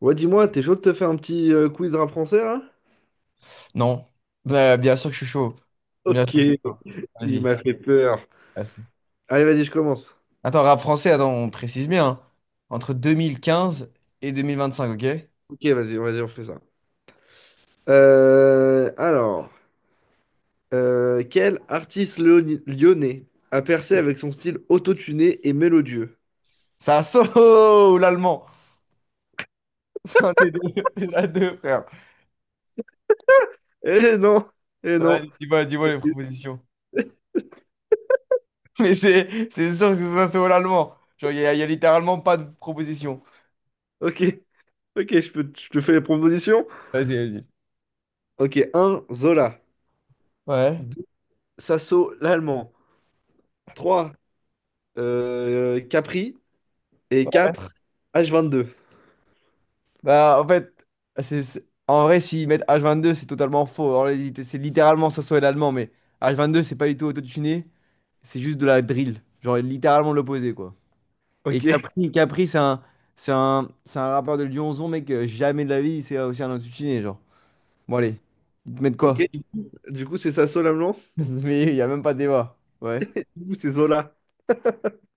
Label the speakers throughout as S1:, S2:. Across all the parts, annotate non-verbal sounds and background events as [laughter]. S1: Ouais, dis-moi, t'es chaud de te faire un petit quiz rap français là?
S2: Non. Bah, bien sûr que je suis chaud. Bien sûr
S1: Ok,
S2: que je suis chaud.
S1: il
S2: Vas-y.
S1: m'a fait peur.
S2: Vas-y.
S1: Allez, vas-y, je commence.
S2: Attends, rap français, attends, on précise bien, hein. Entre 2015 et 2025, ok?
S1: Ok, vas-y, vas-y, on fait ça. Euh, alors, Quel artiste lyonnais a percé avec son style autotuné et mélodieux?
S2: Ça saut [laughs] l'allemand. C'est un des deux, [laughs] la deux, frère.
S1: Eh non, eh
S2: Ça va.
S1: non.
S2: Dis-moi, dis-moi les propositions. [laughs] Mais c'est sûr que ça saut l'allemand. Genre, il y, a y a littéralement pas de proposition.
S1: Ok, ok, je te fais les propositions.
S2: Vas-y, vas-y.
S1: Ok, un, Zola.
S2: Ouais.
S1: Deux, Sasso, l'allemand. 3, Capri. Et quatre, H22.
S2: Bah, en fait, en vrai, s'ils mettent h vingt-deux, c'est totalement faux. En réalité, c'est littéralement ça saut l'allemand, mais h vingt-deux, c'est pas du tout autotuné. C'est juste de la drill. Genre littéralement l'opposé, quoi. Et
S1: Ok,
S2: Capri, Capri, c'est un rappeur de Lyonzon, mec. Jamais de la vie, c'est aussi un intitulé, genre. Bon, allez. Ils te mettent
S1: ok.
S2: quoi?
S1: Du coup, c'est Sasso, l'allemand?
S2: [laughs] Mais il n'y a même pas de débat. Ouais.
S1: Ouh, c'est Zola.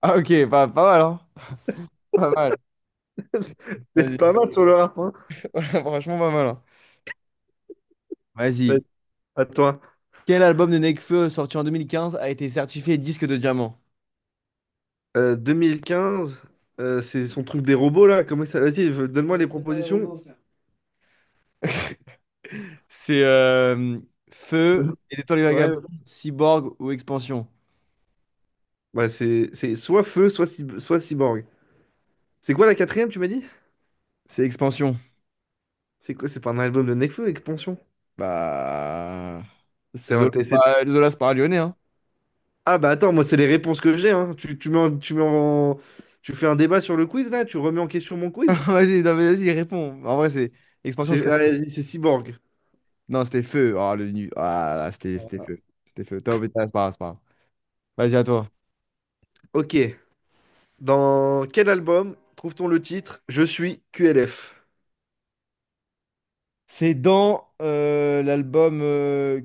S2: Ah, ok, pas, pas mal, hein? Pas mal.
S1: [laughs] C'est
S2: Vas-y.
S1: pas mal sur le rap, hein.
S2: [laughs] Franchement, pas mal, hein.
S1: Ouais,
S2: Vas-y.
S1: à toi.
S2: Quel album de Nekfeu, sorti en 2015, a été certifié disque de diamant?
S1: 2015, c'est son truc des robots, là. Comment ça... Donne-moi les propositions.
S2: [laughs] C'est Feu, et Étoiles
S1: Ouais,
S2: Vagabondes, Cyborg ou Expansion?
S1: ouais, c'est soit Feu, soit, soit Cyborg. C'est quoi la quatrième, tu m'as dit?
S2: C'est Expansion.
S1: C'est quoi? C'est pas un album de Nekfeu avec Pension?
S2: Bah, c'est Zola.
S1: T'as
S2: C'est
S1: essayé...
S2: pas, Zola, c'est pas un Lyonnais, hein.
S1: Ah bah attends, moi, c'est les réponses que j'ai, hein. Tu mets tu fais un débat sur le quiz, là? Tu remets en question mon
S2: [laughs]
S1: quiz?
S2: Vas-y, non, mais vas-y, réponds. En vrai, c'est... Expansion, je
S1: C'est
S2: connais.
S1: ouais, c'est Cyborg.
S2: Non, c'était feu. Ah, le nu. Ah, là, c'était feu. C'était feu. Top, mais c'est pas grave, c'est pas grave. Vas-y, à toi.
S1: Ok. Dans quel album trouve-t-on le titre Je suis QLF?
S2: C'est dans l'album,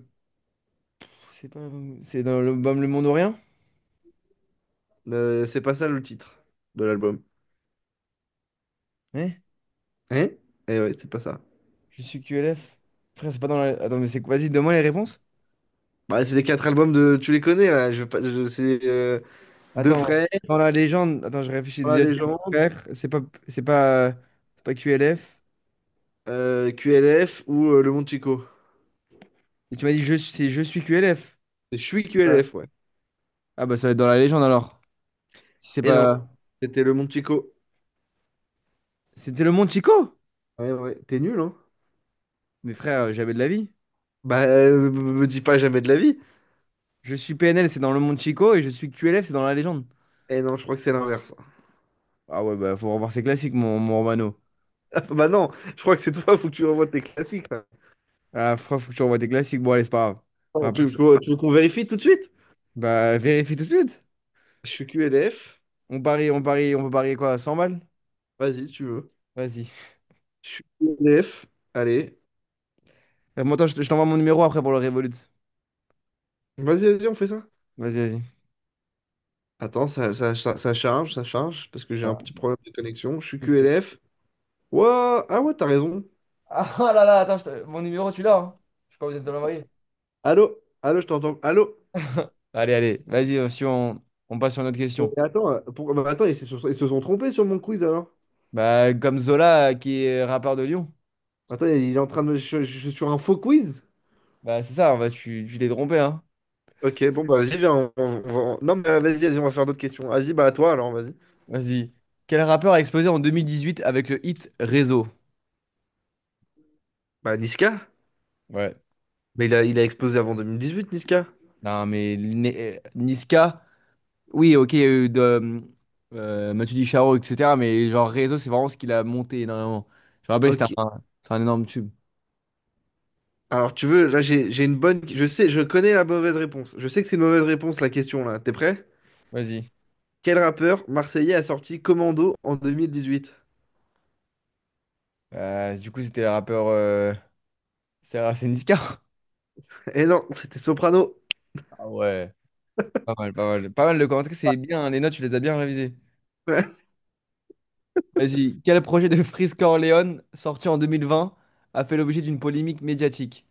S2: C'est pas l'album- C'est dans l'album Le Monde ou Rien?
S1: C'est pas ça le titre de l'album.
S2: Hein?
S1: Hein? Eh ouais, c'est pas ça.
S2: Je suis QLF. Frère, c'est pas dans la... Attends, mais c'est... Vas-y, donne-moi les réponses.
S1: Bah, c'est les quatre albums de. Tu les connais là. Je, veux pas- je, C'est Deux
S2: Attends,
S1: Frères,
S2: dans la légende. Attends, je réfléchis
S1: La
S2: déjà. C'est pas.
S1: Légende,
S2: Frère, c'est pas. C'est pas, c'est pas QLF.
S1: QLF ou Le Monde Chico.
S2: Et tu m'as dit, je... c'est Je suis QLF.
S1: Je suis QLF, ouais.
S2: Ah bah ça va être dans la légende alors. Si c'est
S1: Et non,
S2: pas...
S1: c'était Le Monde Chico.
S2: C'était le Monde Chico?
S1: Ouais, ouais. T'es nul, hein?
S2: Mais frère, j'avais de la vie.
S1: Bah, me dis pas jamais de la vie.
S2: Je suis PNL, c'est dans le Monde Chico, et je suis QLF, c'est dans la légende.
S1: Et non, je crois que c'est l'inverse. [laughs]
S2: Ah ouais, bah faut revoir ses classiques, mon Romano.
S1: Bah non, je crois que c'est toi, faut que tu revoies tes classiques là.
S2: Ah frère, faut que tu revois tes classiques. Bon allez, c'est pas grave. On
S1: Non,
S2: va pas se-
S1: tu veux qu'on vérifie tout de suite?
S2: Bah vérifie tout de suite.
S1: Je suis QLF.
S2: On parie, on parie, on peut parier quoi? 100 balles?
S1: Vas-y, si tu veux.
S2: Vas-y.
S1: Je suis QLF. Allez.
S2: Moi, attends, je te- je t'envoie mon numéro après pour le Revolut.
S1: Vas-y, vas-y, on fait ça.
S2: Vas-y, vas-y.
S1: Attends, ça charge, ça charge, parce que j'ai un
S2: Voilà.
S1: petit problème de connexion. Je suis QLF. Ouah, ah ouais, t'as raison.
S2: Ah [laughs] ah là là, attends, je te- mon numéro tu l'as, hein. Je suis pas obligé de l'envoyer.
S1: Allô? Allô, je t'entends. Allô?
S2: [laughs] Allez, allez, vas-y, si on, on passe sur une autre
S1: Et
S2: question.
S1: attends, bah attends, ils se sont trompés sur mon quiz alors.
S2: Bah, comme Zola, qui est rappeur de Lyon.
S1: Attends, il est en train de me. Je suis sur un faux quiz?
S2: Bah, c'est ça, bah, tu t'es trompé, hein.
S1: Ok, bon, bah vas-y, viens. Non, mais vas-y, vas-y, on va faire d'autres questions. Vas-y, bah à toi alors, vas-y.
S2: Vas-y. Quel rappeur a explosé en 2018 avec le hit Réseau?
S1: Bah Niska?
S2: Ouais.
S1: Mais il a explosé avant 2018, Niska.
S2: Non, mais Niska, oui, ok, il y a eu de, Matu Dicharo, etc. Mais genre Réseau, c'est vraiment ce qu'il a monté énormément. Je me rappelle,
S1: Ok.
S2: c'est un énorme tube.
S1: Alors tu veux, là j'ai une bonne. Je sais, je connais la mauvaise réponse. Je sais que c'est une mauvaise réponse la question là. T'es prêt?
S2: Vas-y.
S1: Quel rappeur marseillais a sorti Commando en 2018?
S2: Du coup, c'était le rappeur. C'est Niska. [laughs]
S1: Eh non, c'était Soprano. [laughs]
S2: Ah ouais. Pas mal, pas mal. Pas mal de commentaires, c'est bien. Les notes, tu les as bien révisées.
S1: Ouais.
S2: Vas-y. Quel projet de Freeze Corleone, sorti en 2020, a fait l'objet d'une polémique médiatique?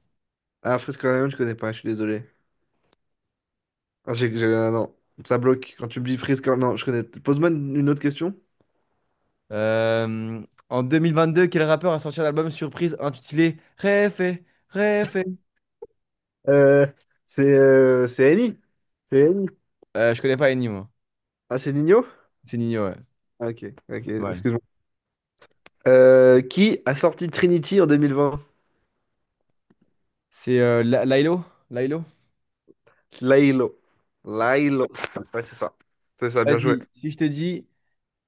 S1: Ah, Freeze Corleone, je connais pas, je suis désolé. Ah, non, ça bloque quand tu me dis Freeze. Non, je connais. Pose-moi une autre question.
S2: Euh, en 2022, quel rappeur a sorti un album surprise intitulé Réfé, Réfé?
S1: Euh, c'est Eni. C'est Eni.
S2: Je connais pas Ennio, moi.
S1: Ah, c'est Nino?
S2: C'est Nino, ouais.
S1: Ah, ok,
S2: Pas
S1: ok,
S2: mal.
S1: excuse-moi. Qui a sorti Trinity en 2020?
S2: C'est La- Lailo? Lailo?
S1: Lailo. Lailo. Ouais, c'est ça. C'est ça, bien joué.
S2: Vas-y, si je te dis,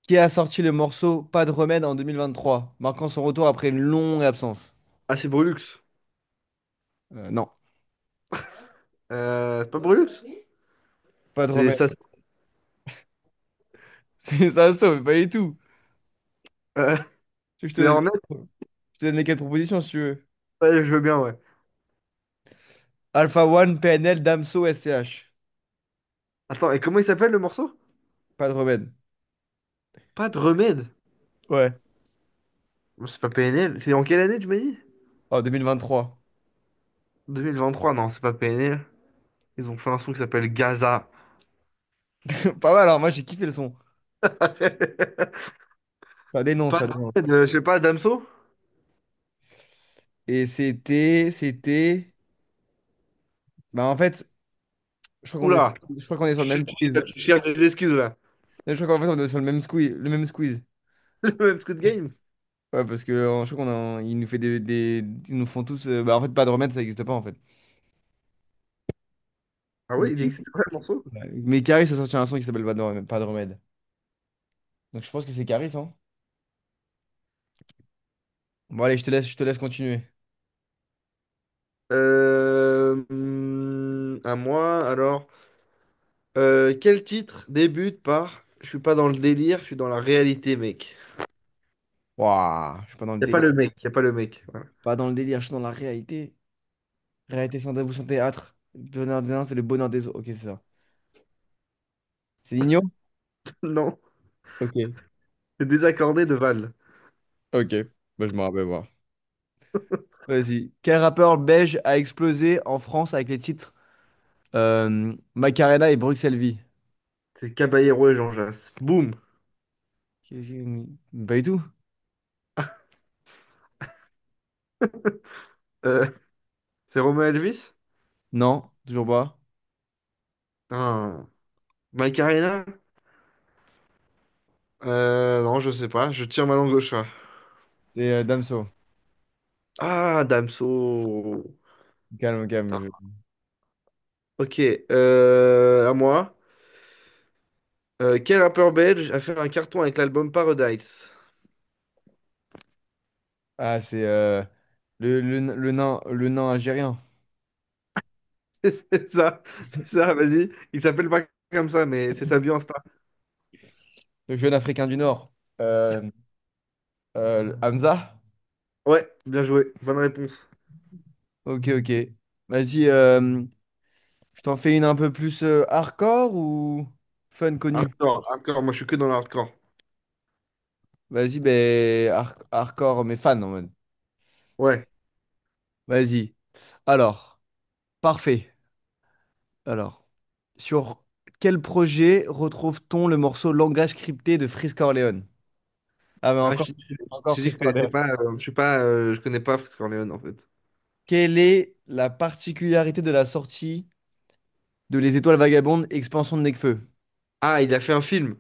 S2: qui a sorti le morceau Pas de remède en 2023, marquant son retour après une longue absence?
S1: Ah, c'est Brulux.
S2: Non,
S1: C'est pas Brulux?
S2: pas de
S1: C'est
S2: remède.
S1: ça.
S2: [laughs] C'est ça, ça, mais pas du tout.
S1: euh,
S2: Tu
S1: [laughs]
S2: veux que
S1: c'est Hornet?
S2: donne, je te donne les quatre propositions si tu veux.
S1: Ouais, je veux bien, ouais.
S2: Alpha One, PNL, Damso, SCH.
S1: Attends, et comment il s'appelle le morceau?
S2: Pas de remède.
S1: Pas de remède.
S2: Ouais.
S1: Non, c'est pas PNL. C'est en quelle année, tu m'as dit?
S2: En 2023.
S1: 2023, non, c'est pas PNL. Ils ont fait un son qui s'appelle Gaza.
S2: [laughs] Pas mal, alors moi j'ai kiffé le son.
S1: [laughs]
S2: Ça dénonce,
S1: Pas
S2: ça
S1: de
S2: dénonce.
S1: remède, je sais pas, Damso?
S2: Et c'était, c'était. Bah en fait, je crois qu'on est,
S1: Oula,
S2: je crois qu'on est sur le même quiz.
S1: tu cherches des excuses là.
S2: Je crois qu'en fait on est sur le même squeeze, le même squeeze.
S1: [laughs] Le même truc de game.
S2: Ouais, parce que je crois qu'on a, il nous fait des- ils nous font tous. Bah en fait, pas de remède, ça n'existe pas en fait.
S1: Ah
S2: Mais,
S1: ouais, il existe quoi le morceau?
S2: mais Caris a sorti un son qui s'appelle pas de remède. Pas de remède. Donc je pense que c'est Caris, hein. Bon allez, je te laisse continuer.
S1: À moi, alors. Quel titre débute par Je suis pas dans le délire, je suis dans la réalité, mec.
S2: Waouh, je suis pas dans le délire.
S1: Y a pas le mec. Voilà.
S2: Pas dans le délire, je suis dans la réalité. Réalité sans tabou, sans théâtre. Bonheur des uns fait le bonheur des autres. Ok, c'est ça. C'est Nino?
S1: [laughs] Non,
S2: Ok.
S1: c'est désaccordé de Val.
S2: Ok. Bah, je me rappelle voir. Vas-y. Quel rappeur belge a explosé en France avec les titres Macarena et Bruxelles Vie?
S1: C'est Caballero et Jean Jass. Boum.
S2: Qu'est-ce que- Pas du tout.
S1: Euh, c'est Romain Elvis?
S2: Non, toujours pas.
S1: Ah. Mike Arena? Non, je sais pas. Je tire ma langue au chat.
S2: C'est Damso.
S1: Ah, Damso.
S2: Calme, calme.
S1: Putain.
S2: Je-
S1: Ok. À moi. Quel rappeur belge a fait un carton avec l'album Paradise?
S2: Ah, c'est le nain, le nain algérien.
S1: [laughs] C'est ça. C'est ça, vas-y. Il s'appelle pas comme ça, mais c'est sa bio Insta.
S2: Le jeune Africain du Nord. Euh, Hamza?
S1: Ouais, bien joué. Bonne réponse.
S2: Ok, ok. Vas-y. Je t'en fais une un peu plus hardcore ou fun connu?
S1: Hardcore, hardcore. Moi, je suis que dans l'hardcore.
S2: Vas-y, ben hardcore, mais fan en mode.
S1: Ouais.
S2: Vas-y. Alors, parfait. Alors, sur quel projet retrouve-t-on le morceau Langage crypté de Frisk Corleone? Ah, mais
S1: Ah,
S2: encore,
S1: je
S2: encore
S1: t'ai dit que
S2: Frisk
S1: je connaissais
S2: Corleone.
S1: pas. Je suis pas. Je connais pas Fritz Corleone, en fait.
S2: Quelle est la particularité de la sortie de Les Étoiles Vagabondes, expansion de Nekfeu?
S1: Ah, il a fait un film,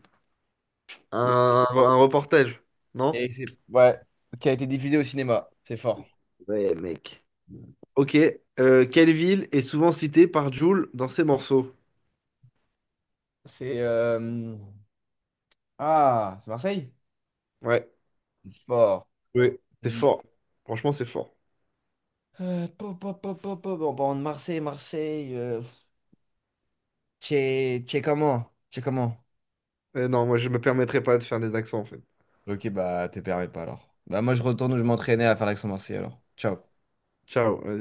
S1: un reportage, non?
S2: Ouais, qui a été diffusée au cinéma. C'est fort.
S1: Ouais, mec. Ok. Quelle ville est souvent citée par Jul dans ses morceaux?
S2: C'est ah, c'est Marseille?
S1: Ouais,
S2: C'est fort.
S1: oui, c'est
S2: Vas-y.
S1: fort. Franchement, c'est fort.
S2: Pop, pop, pop, pop, pop. En parlant de Marseille, Marseille, pff, t'es comment? T'es comment?
S1: Non, moi, je me permettrai pas de faire des accents, en fait.
S2: Ok, bah, te permets pas alors. Bah, moi, je retourne où je m'entraînais à faire l'accent marseillais alors. Ciao.
S1: Ciao.